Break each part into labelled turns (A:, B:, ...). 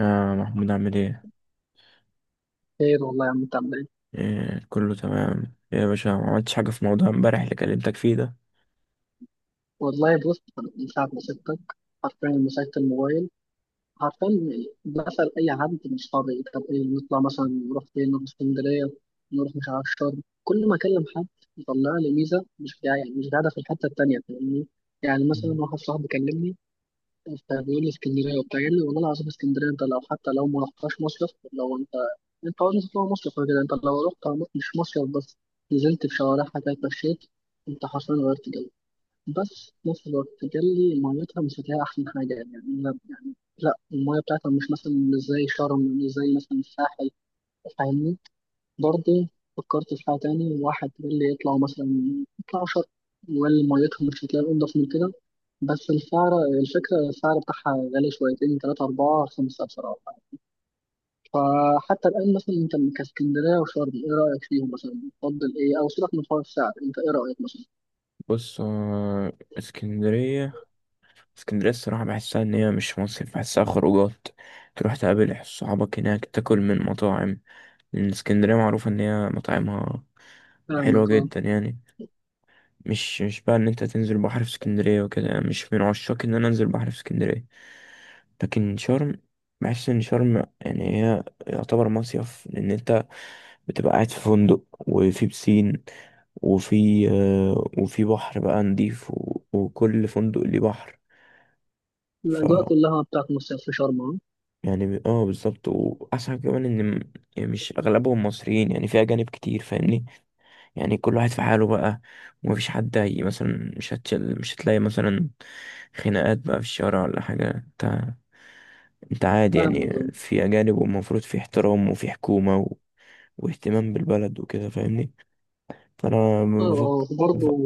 A: آه محمود، عامل ايه؟
B: خير والله يا عم، انت عامل ايه؟
A: إيه، كله تمام. إيه يا باشا، ما عملتش حاجة في موضوع امبارح اللي كلمتك فيه ده؟
B: والله بص، انا من ساعة ما سبتك، حرفيا لما مسكت الموبايل، حرفيا بسأل أي حد من صحابي، طب ايه نطلع مثلا؟ نروح فين؟ نروح اسكندرية؟ نروح مش عارف شرم؟ كل ما أكلم حد يطلع لي ميزة مش جاية، يعني مش قاعدة في الحتة التانية، فاهمني؟ يعني مثلا واحد صاحبي كلمني، فبيقول لي اسكندرية وبتاع. قال لي والله العظيم اسكندرية انت لو حتى لو ما رحتهاش مصيف، لو انت عاوز تطلع مصيف كده، انت لو رحت مش مصيف بس نزلت في شوارعها كده، اتمشيت، انت حرفيا غيرت جو. بس في نفس الوقت قال لي ميتها مش هتلاقي أحسن حاجة. يعني يعني لا، المية بتاعتها مش مثلا مش زي شرم، مش زي مثلا الساحل، فاهمني؟ برضه فكرت في حاجة تاني. واحد قال لي اطلعوا مثلا، اطلعوا شرم. وقال لي ميتها مش هتلاقي أنضف من كده، بس السعر، الفكرة السعر بتاعها غالي شويتين، تلاتة أربعة خمسة بصراحة. فحتى الآن مثلا أنت كاسكندرية وشرم، إيه رأيك فيهم مثلا؟ تفضل إيه؟ أو سيبك من حوار السعر، أنت إيه رأيك مثلا؟
A: بص، اسكندرية الصراحة بحسها إن هي مش مصيف، بحسها خروجات. تروح تقابل صحابك هناك، تاكل من مطاعم، لأن اسكندرية معروفة إن هي مطاعمها حلوة
B: فاهمك، أه.
A: جدا. يعني مش بقى إن أنت تنزل بحر في اسكندرية وكده، يعني مش من عشاق إن أنا أنزل بحر في اسكندرية. لكن شرم، بحس إن شرم يعني هي يعتبر مصيف، لأن أنت بتبقى قاعد في فندق، وفي بسين، وفي بحر بقى نضيف، و- وكل فندق ليه
B: الأجواء
A: بحر.
B: كلها بتاعت مصيف في شرم أهو.
A: يعني بالظبط. واحسن حاجة كمان يعني مش اغلبهم مصريين، يعني في اجانب كتير فاهمني. يعني كل واحد في حاله بقى، ومفيش حد. هي مثلا مش هتشل، مش هتلاقي مثلا خناقات بقى في الشارع ولا حاجة، انت انت عادي يعني.
B: فاهمك، اه.
A: في اجانب، والمفروض في احترام وفي حكومة واهتمام بالبلد وكده فاهمني. فانا
B: اه، آه،
A: بفكر
B: برضه.
A: بفكر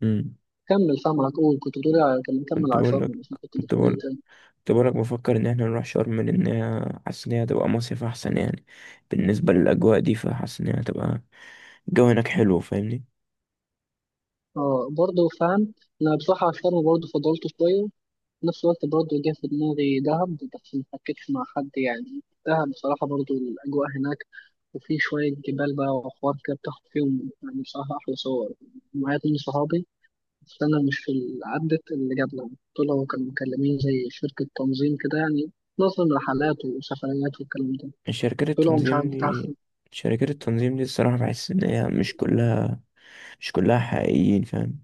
A: مم.
B: كمل، فاهم على طول. كنت بتقولي على، كان كمل
A: كنت
B: على
A: بقول
B: شرم،
A: لك
B: مش كنت
A: كنت
B: بتقولي ايه
A: بقول
B: تاني؟
A: كنت بقولك بفكر إن احنا نروح شرم، لأن حاسس إن هي هتبقى مصيف أحسن يعني. بالنسبة للأجواء دي فحاسس إن هي هتبقى، الجو هناك حلو فاهمني.
B: اه، برضه فاهم. انا بصراحة على شرم برضه فضلت شوية. في نفس الوقت برضه جه في دماغي دهب، بس ما حكيتش مع حد. يعني دهب بصراحة برضه الأجواء هناك، وفي شوية جبال بقى وحوار كده، بتاخد فيهم يعني بصراحة أحلى صور. معايا اتنين صحابي، بس أنا مش في عدت اللي جابنا. دول هو كانوا مكلمين زي شركة تنظيم كده، يعني نظم رحلات وسفريات والكلام ده.
A: شركات
B: طلعوا مش عارف
A: التنظيم
B: بتاع،
A: دي شركات التنظيم دي الصراحة بحس إن هي مش كلها حقيقيين فاهم.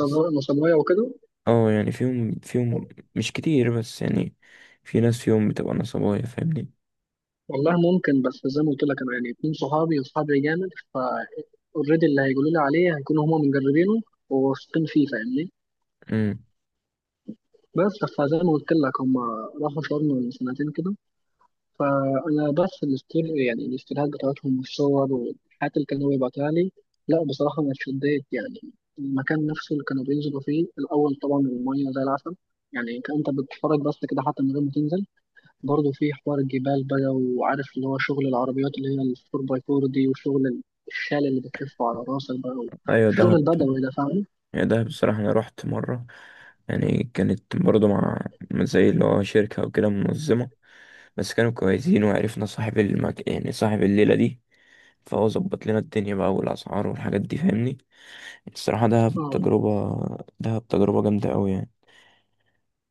A: بس
B: نصبراية وكده.
A: اه يعني فيهم، مش كتير بس يعني، في ناس فيهم بتبقى نصابية فاهمني.
B: والله ممكن، بس زي ما قلت لك انا يعني اتنين صحابي، وصحابي جامد. ف اوريدي اللي هيقولوا لي عليه هيكونوا هما مجربينه وواثقين فيه، فاهمني؟
A: امم.
B: بس فزي ما قلت لك، هما راحوا شرم من سنتين كده. فانا بس الاستور، يعني الاستوريات بتاعتهم والصور والحاجات اللي كانوا بيبعتوها لي، لا بصراحة انا اتشديت يعني. المكان نفسه اللي كانوا بينزلوا فيه الاول، طبعا المية زي العسل، يعني كأنت بتتفرج بس كده حتى من غير ما تنزل. برضه في حوار الجبال بقى، وعارف اللي هو شغل العربيات اللي هي الفور باي فور دي، وشغل الشال اللي بتلفه على راسك بقى،
A: أيوة،
B: الشغل
A: دهب.
B: البدوي ده، فاهم؟
A: يعني ده بصراحة أنا رحت مرة، يعني كانت برضو مع زي اللي هو شركة وكده منظمة. بس كانوا كويسين، وعرفنا يعني صاحب الليلة دي، فهو ظبط لنا الدنيا بقى والأسعار والحاجات دي فاهمني. يعني الصراحة
B: اه.
A: دهب تجربة جامدة أوي يعني.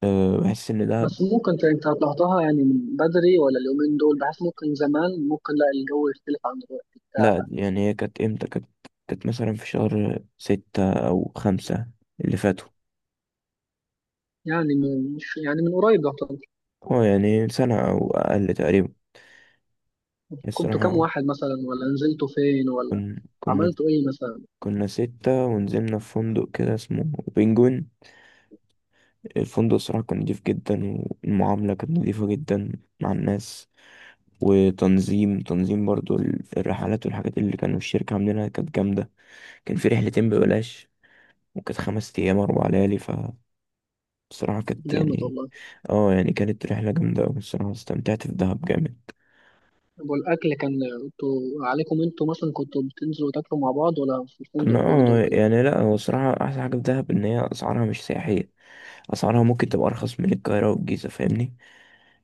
A: أه، بحس إن دهب.
B: بس ممكن انت طلعتها يعني من بدري ولا اليومين دول؟ بحس ممكن زمان ممكن لا، الجو يختلف عن دلوقتي بتاع.
A: لأ يعني هي كانت إمتى كانت، كانت مثلا في شهر ستة أو خمسة اللي فاتوا.
B: يعني من، مش يعني من قريب يعتبر.
A: اه يعني سنة أو أقل تقريبا
B: كنتوا كام
A: الصراحة.
B: واحد مثلا؟ ولا نزلتوا فين؟ ولا
A: كن... كنا
B: عملتوا ايه مثلا؟
A: كنا ستة، ونزلنا في فندق كده اسمه بنجوين. الفندق الصراحة كان نضيف جدا، والمعاملة كانت نضيفة جدا مع الناس. وتنظيم برضو الرحلات والحاجات اللي كانوا الشركة عاملينها كانت جامدة. كان في رحلتين ببلاش، وكانت خمس أيام أربع ليالي، فبصراحة كانت
B: جامد
A: يعني.
B: والله.
A: اه يعني كانت رحلة جامدة أوي الصراحة، استمتعت في دهب جامد.
B: طب والاكل كان، انتوا عليكم، انتوا مثلا كنتوا بتنزلوا تاكلوا مع بعض، ولا في
A: كنا،
B: الفندق برضه وكده؟
A: يعني لا، هو الصراحة أحسن حاجة في دهب إن هي أسعارها مش سياحية، أسعارها ممكن تبقى أرخص من القاهرة والجيزة فاهمني.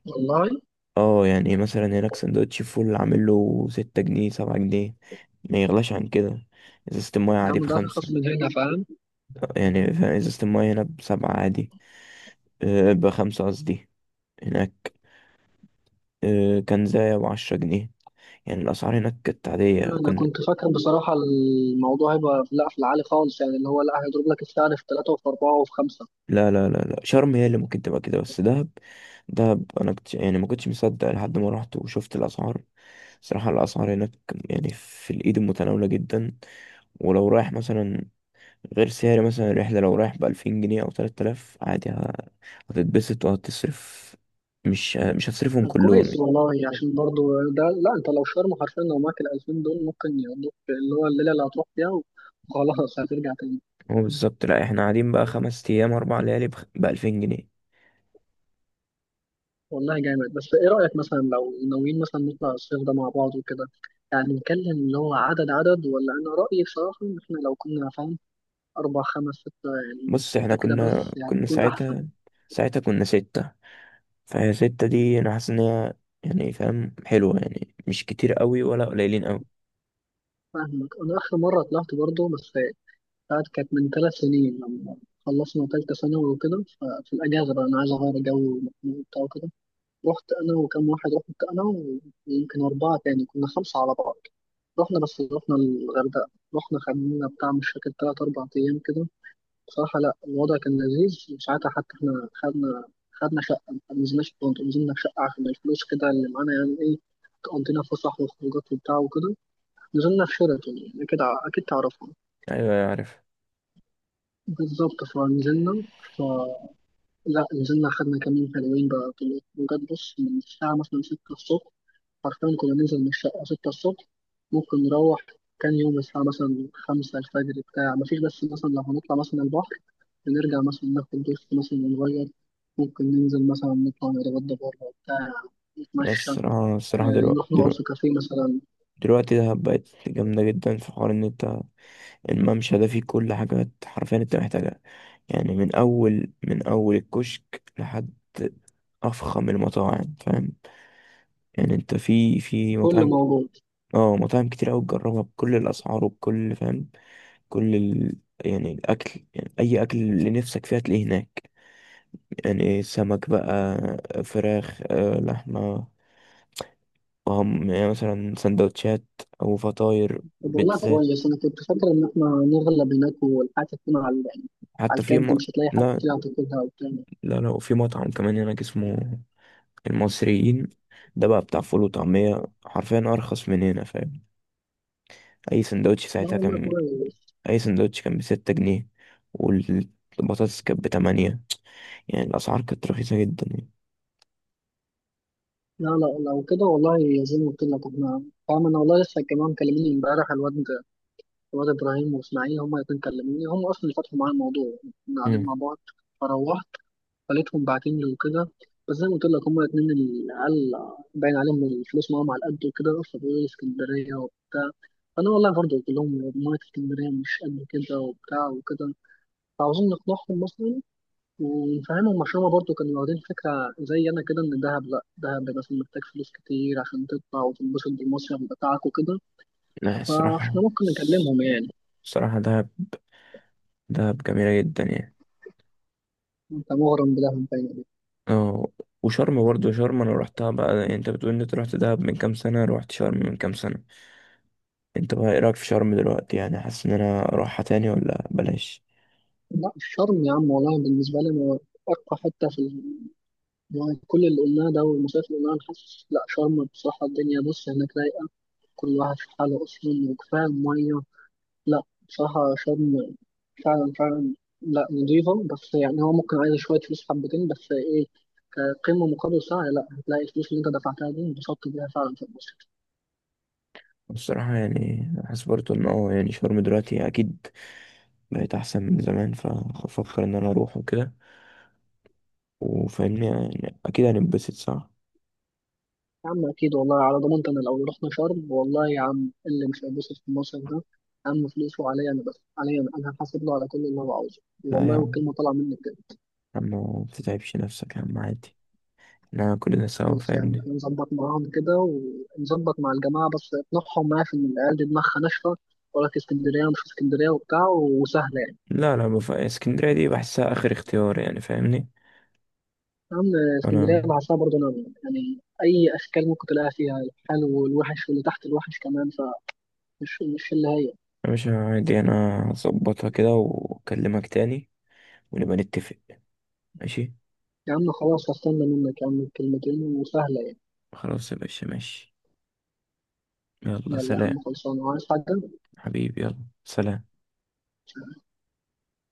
B: والله
A: اه يعني مثلا هناك سندوتش فول عامل له ستة جنيه سبعة جنيه، ما يغلاش عن كده. ازازة المايه
B: يا
A: عادي
B: عم ده
A: بخمسة،
B: أرخص من هنا، فاهم.
A: يعني فاهم ازازة المايه هنا بسبعة عادي. أه، بخمسة قصدي هناك. أه، كان زي بعشرة جنيه. يعني الأسعار هناك كانت عادية.
B: أنا
A: كنا.
B: كنت فاكر بصراحة الموضوع هيبقى لا في العالي خالص، يعني اللي هو لا، هيضرب لك السعر في ثلاثة وفي أربعة وفي خمسة.
A: لا لا لا لا، شرم هي اللي ممكن تبقى كده، بس دهب، دهب أنا كنت يعني ما كنتش مصدق لحد ما رحت وشفت الأسعار. صراحة الأسعار هناك، يعني في الإيد، متناولة جدا. ولو رايح مثلا، غير سعر مثلا الرحلة، لو رايح بألفين جنيه أو تلات آلاف عادي هتتبسط وهتصرف، مش هتصرفهم
B: طب
A: كلهم
B: كويس
A: يعني.
B: والله، يعني عشان برضو ده. لا أنت لو شرم حرفيا، لو معاك الألفين دول ممكن يقضوك اللي هو الليلة اللي هتروح فيها، وخلاص هترجع تاني.
A: هو بالظبط. لأ، احنا قاعدين بقى خمس أيام أربع ليالي بألفين جنيه.
B: والله جامد. بس إيه رأيك مثلا لو ناويين مثلا نطلع الصيف ده مع بعض وكده، يعني نتكلم اللي هو عدد، عدد. ولا أنا رأيي بصراحة إن إحنا لو كنا، فاهم، أربع خمس ستة، يعني
A: بص، احنا
B: ستة كده
A: كنا
B: بس يعني
A: كنا
B: يكون أحسن.
A: ساعتها، ساعتها كنا ستة، فهي ستة دي أنا حاسس إن هي يعني فاهم حلوة، يعني مش كتير قوي ولا قليلين قوي.
B: فاهمك. أنا آخر مرة طلعت برضه، بس بتاعت كانت من 3 سنين، لما خلصنا تالتة ثانوي وكده. ففي الأجازة بقى أنا عايز أغير جو ومخنوق وبتاع وكده، رحت أنا وكم واحد. رحت أنا ويمكن أربعة تاني، كنا خمسة على بعض. رحنا، بس رحنا الغردقة. رحنا خدنا بتاع، مش فاكر 3 أو 4 أيام كده. بصراحة لأ الوضع كان لذيذ. وساعتها حتى إحنا خدنا شقة. ما نزلناش في فندق، نزلنا في شقة عشان الفلوس كده اللي معانا يعني. إيه، تقضينا فسح وخروجات وبتاع وكده. نزلنا في شيراتون، يعني أكيد أكيد تعرفهم.
A: أيوة، أيوة، عارف.
B: بالظبط. فنزلنا، ف لا نزلنا، خدنا كمين حلوين بقى، في بجد بص من الساعة مثلا ستة الصبح، حرفيا كنا ننزل من الشقة ستة الصبح. ممكن نروح، كان يوم الساعة مثلا خمسة الفجر بتاع مفيش. بس مثلا لو هنطلع مثلا البحر، بنرجع مثلا ناخد دش مثلا ونغير. ممكن ننزل مثلا نطلع نتغدى بره بتاع،
A: بس
B: نتمشى،
A: الصراحة
B: آه،
A: دلوقتي
B: نروح نقعد في
A: دلوقتي
B: كافيه مثلا.
A: دلوقتي دهب بقت جامدة جدا، في حوار إن أنت الممشى ده فيه كل حاجة حرفيا أنت محتاجها. يعني من أول الكشك لحد أفخم المطاعم فاهم. يعني أنت في
B: كل
A: مطاعم،
B: موجود.
A: اه مطاعم كتير أوي تجربها بكل الأسعار وبكل فاهم. كل ال... يعني الأكل، يعني أي أكل اللي نفسك فيه هتلاقيه هناك. يعني سمك بقى، فراخ، لحمة، وهم يعني مثلا سندوتشات أو فطاير
B: طب والله
A: بيتزات.
B: كويس، انا كنت فاكر ان احنا نغلب هناك والحياة تكون على يعني، على
A: حتى في
B: الكد،
A: م...
B: مش هتلاقي حد
A: لا،
B: كده هتاخدها وبتاع.
A: لا، لا، وفي مطعم كمان هناك اسمه المصريين. ده بقى بتاع فول وطعمية حرفيا أرخص من هنا فاهم. أي سندوتش
B: لا
A: ساعتها
B: والله
A: كان
B: كويس.
A: أي سندوتش كان بستة جنيه، والبطاطس كانت بتمانية، يعني الأسعار كانت رخيصة جدا يعني.
B: لا لا، لو كده والله زي ما قلت لك احنا، فاهم، انا والله لسه كمان مكلميني امبارح الواد ابراهيم واسماعيل، هما الاتنين كلموني. هم اصلا اللي فتحوا معايا الموضوع، كنا قاعدين
A: مم.
B: مع بعض. فروحت، خليتهم باعتين لي وكده. بس زي ما قلت لك هما الاتنين العيال باين عليهم من الفلوس معاهم على قد، وكده فبيقولوا لي اسكندرية وبتاع. فأنا والله برضه قلت لهم مية اسكندرية مش قد كده وبتاع وكده. فعاوزين نقنعهم مثلا ونفهمهم، عشان هما برضه كانوا واخدين فكرة زي أنا كده، إن دهب، لأ دهب مثلا محتاج فلوس كتير عشان تطلع وتنبسط بالمصيف بتاعك وكده.
A: لا،
B: فاحنا
A: الصراحة
B: ممكن نكلمهم يعني.
A: الصراحة دهب جميلة جدا يعني.
B: أنت مغرم بدهب باين عليك.
A: اه، وشرم برضه، شرم أنا روحتها بقى، يعني أنت بتقول إن أنت روحت دهب من كام سنة، روحت شرم من كام سنة، أنت بقى إيه رأيك في شرم دلوقتي؟ يعني حاسس إن أنا أروحها تاني ولا بلاش؟
B: لا الشرم يا عم، والله بالنسبة لي أرقى حتة في، يعني كل اللي قلناه ده والمصايف اللي قلناها، أنا حاسس لأ شرم بصراحة. الدنيا بص هناك رايقة، كل واحد في حاله أصلا، وكفاية المية. لأ بصراحة شرم فعلا فعلا، لأ نضيفة. بس يعني هو ممكن عايز شوية فلوس حبتين، بس إيه كقيمة مقابل سعر؟ لأ، هتلاقي الفلوس اللي أنت دفعتها دي انبسطت بيها فعلا في المصيف.
A: الصراحة يعني حاسس برضه إن هو يعني شرم دلوقتي أكيد بقت أحسن من زمان، فأفكر إن أنا أروح وكده، وفاهمني يعني أكيد هنتبسط، صح؟
B: يا عم أكيد، والله على ضمانتي أنا لو رحنا شرم، والله يا عم اللي مش هيتبسط في المصيف ده، يا عم فلوسه عليا أنا، بس عليا أنا، أنا هحاسب له على كل اللي هو عاوزه،
A: لا يا
B: والله،
A: عم،
B: والكلمة طالعة مني بجد.
A: يا عم ما بتتعبش نفسك يا عم، عادي، إحنا كلنا سوا
B: خلاص يعني
A: فاهمني.
B: نظبط معاهم كده، ونظبط مع الجماعة. بس نطلعهم معايا في العيال دي دماغها ناشفة، ولا في اسكندرية ومش في اسكندرية وبتاع، وسهلة يعني.
A: لا، لا، اسكندرية دي بحسها آخر اختيار يعني فاهمني.
B: أهم. اسكندرية
A: أنا،
B: بحسها برضه نار، يعني أي أشكال ممكن تلاقيها فيها، الحلو والوحش، واللي تحت الوحش كمان. فمش مش اللي هي.
A: يا باشا عادي، أنا هظبطها كده وأكلمك تاني، ونبقى نتفق، ماشي؟
B: يا عم خلاص هستنى منك يا عم الكلمتين، وسهلة يعني.
A: خلاص يا باشا، ماشي، يلا
B: يلا يا عم،
A: سلام.
B: خلصانة. وعايز حاجة؟
A: حبيبي، يلا سلام.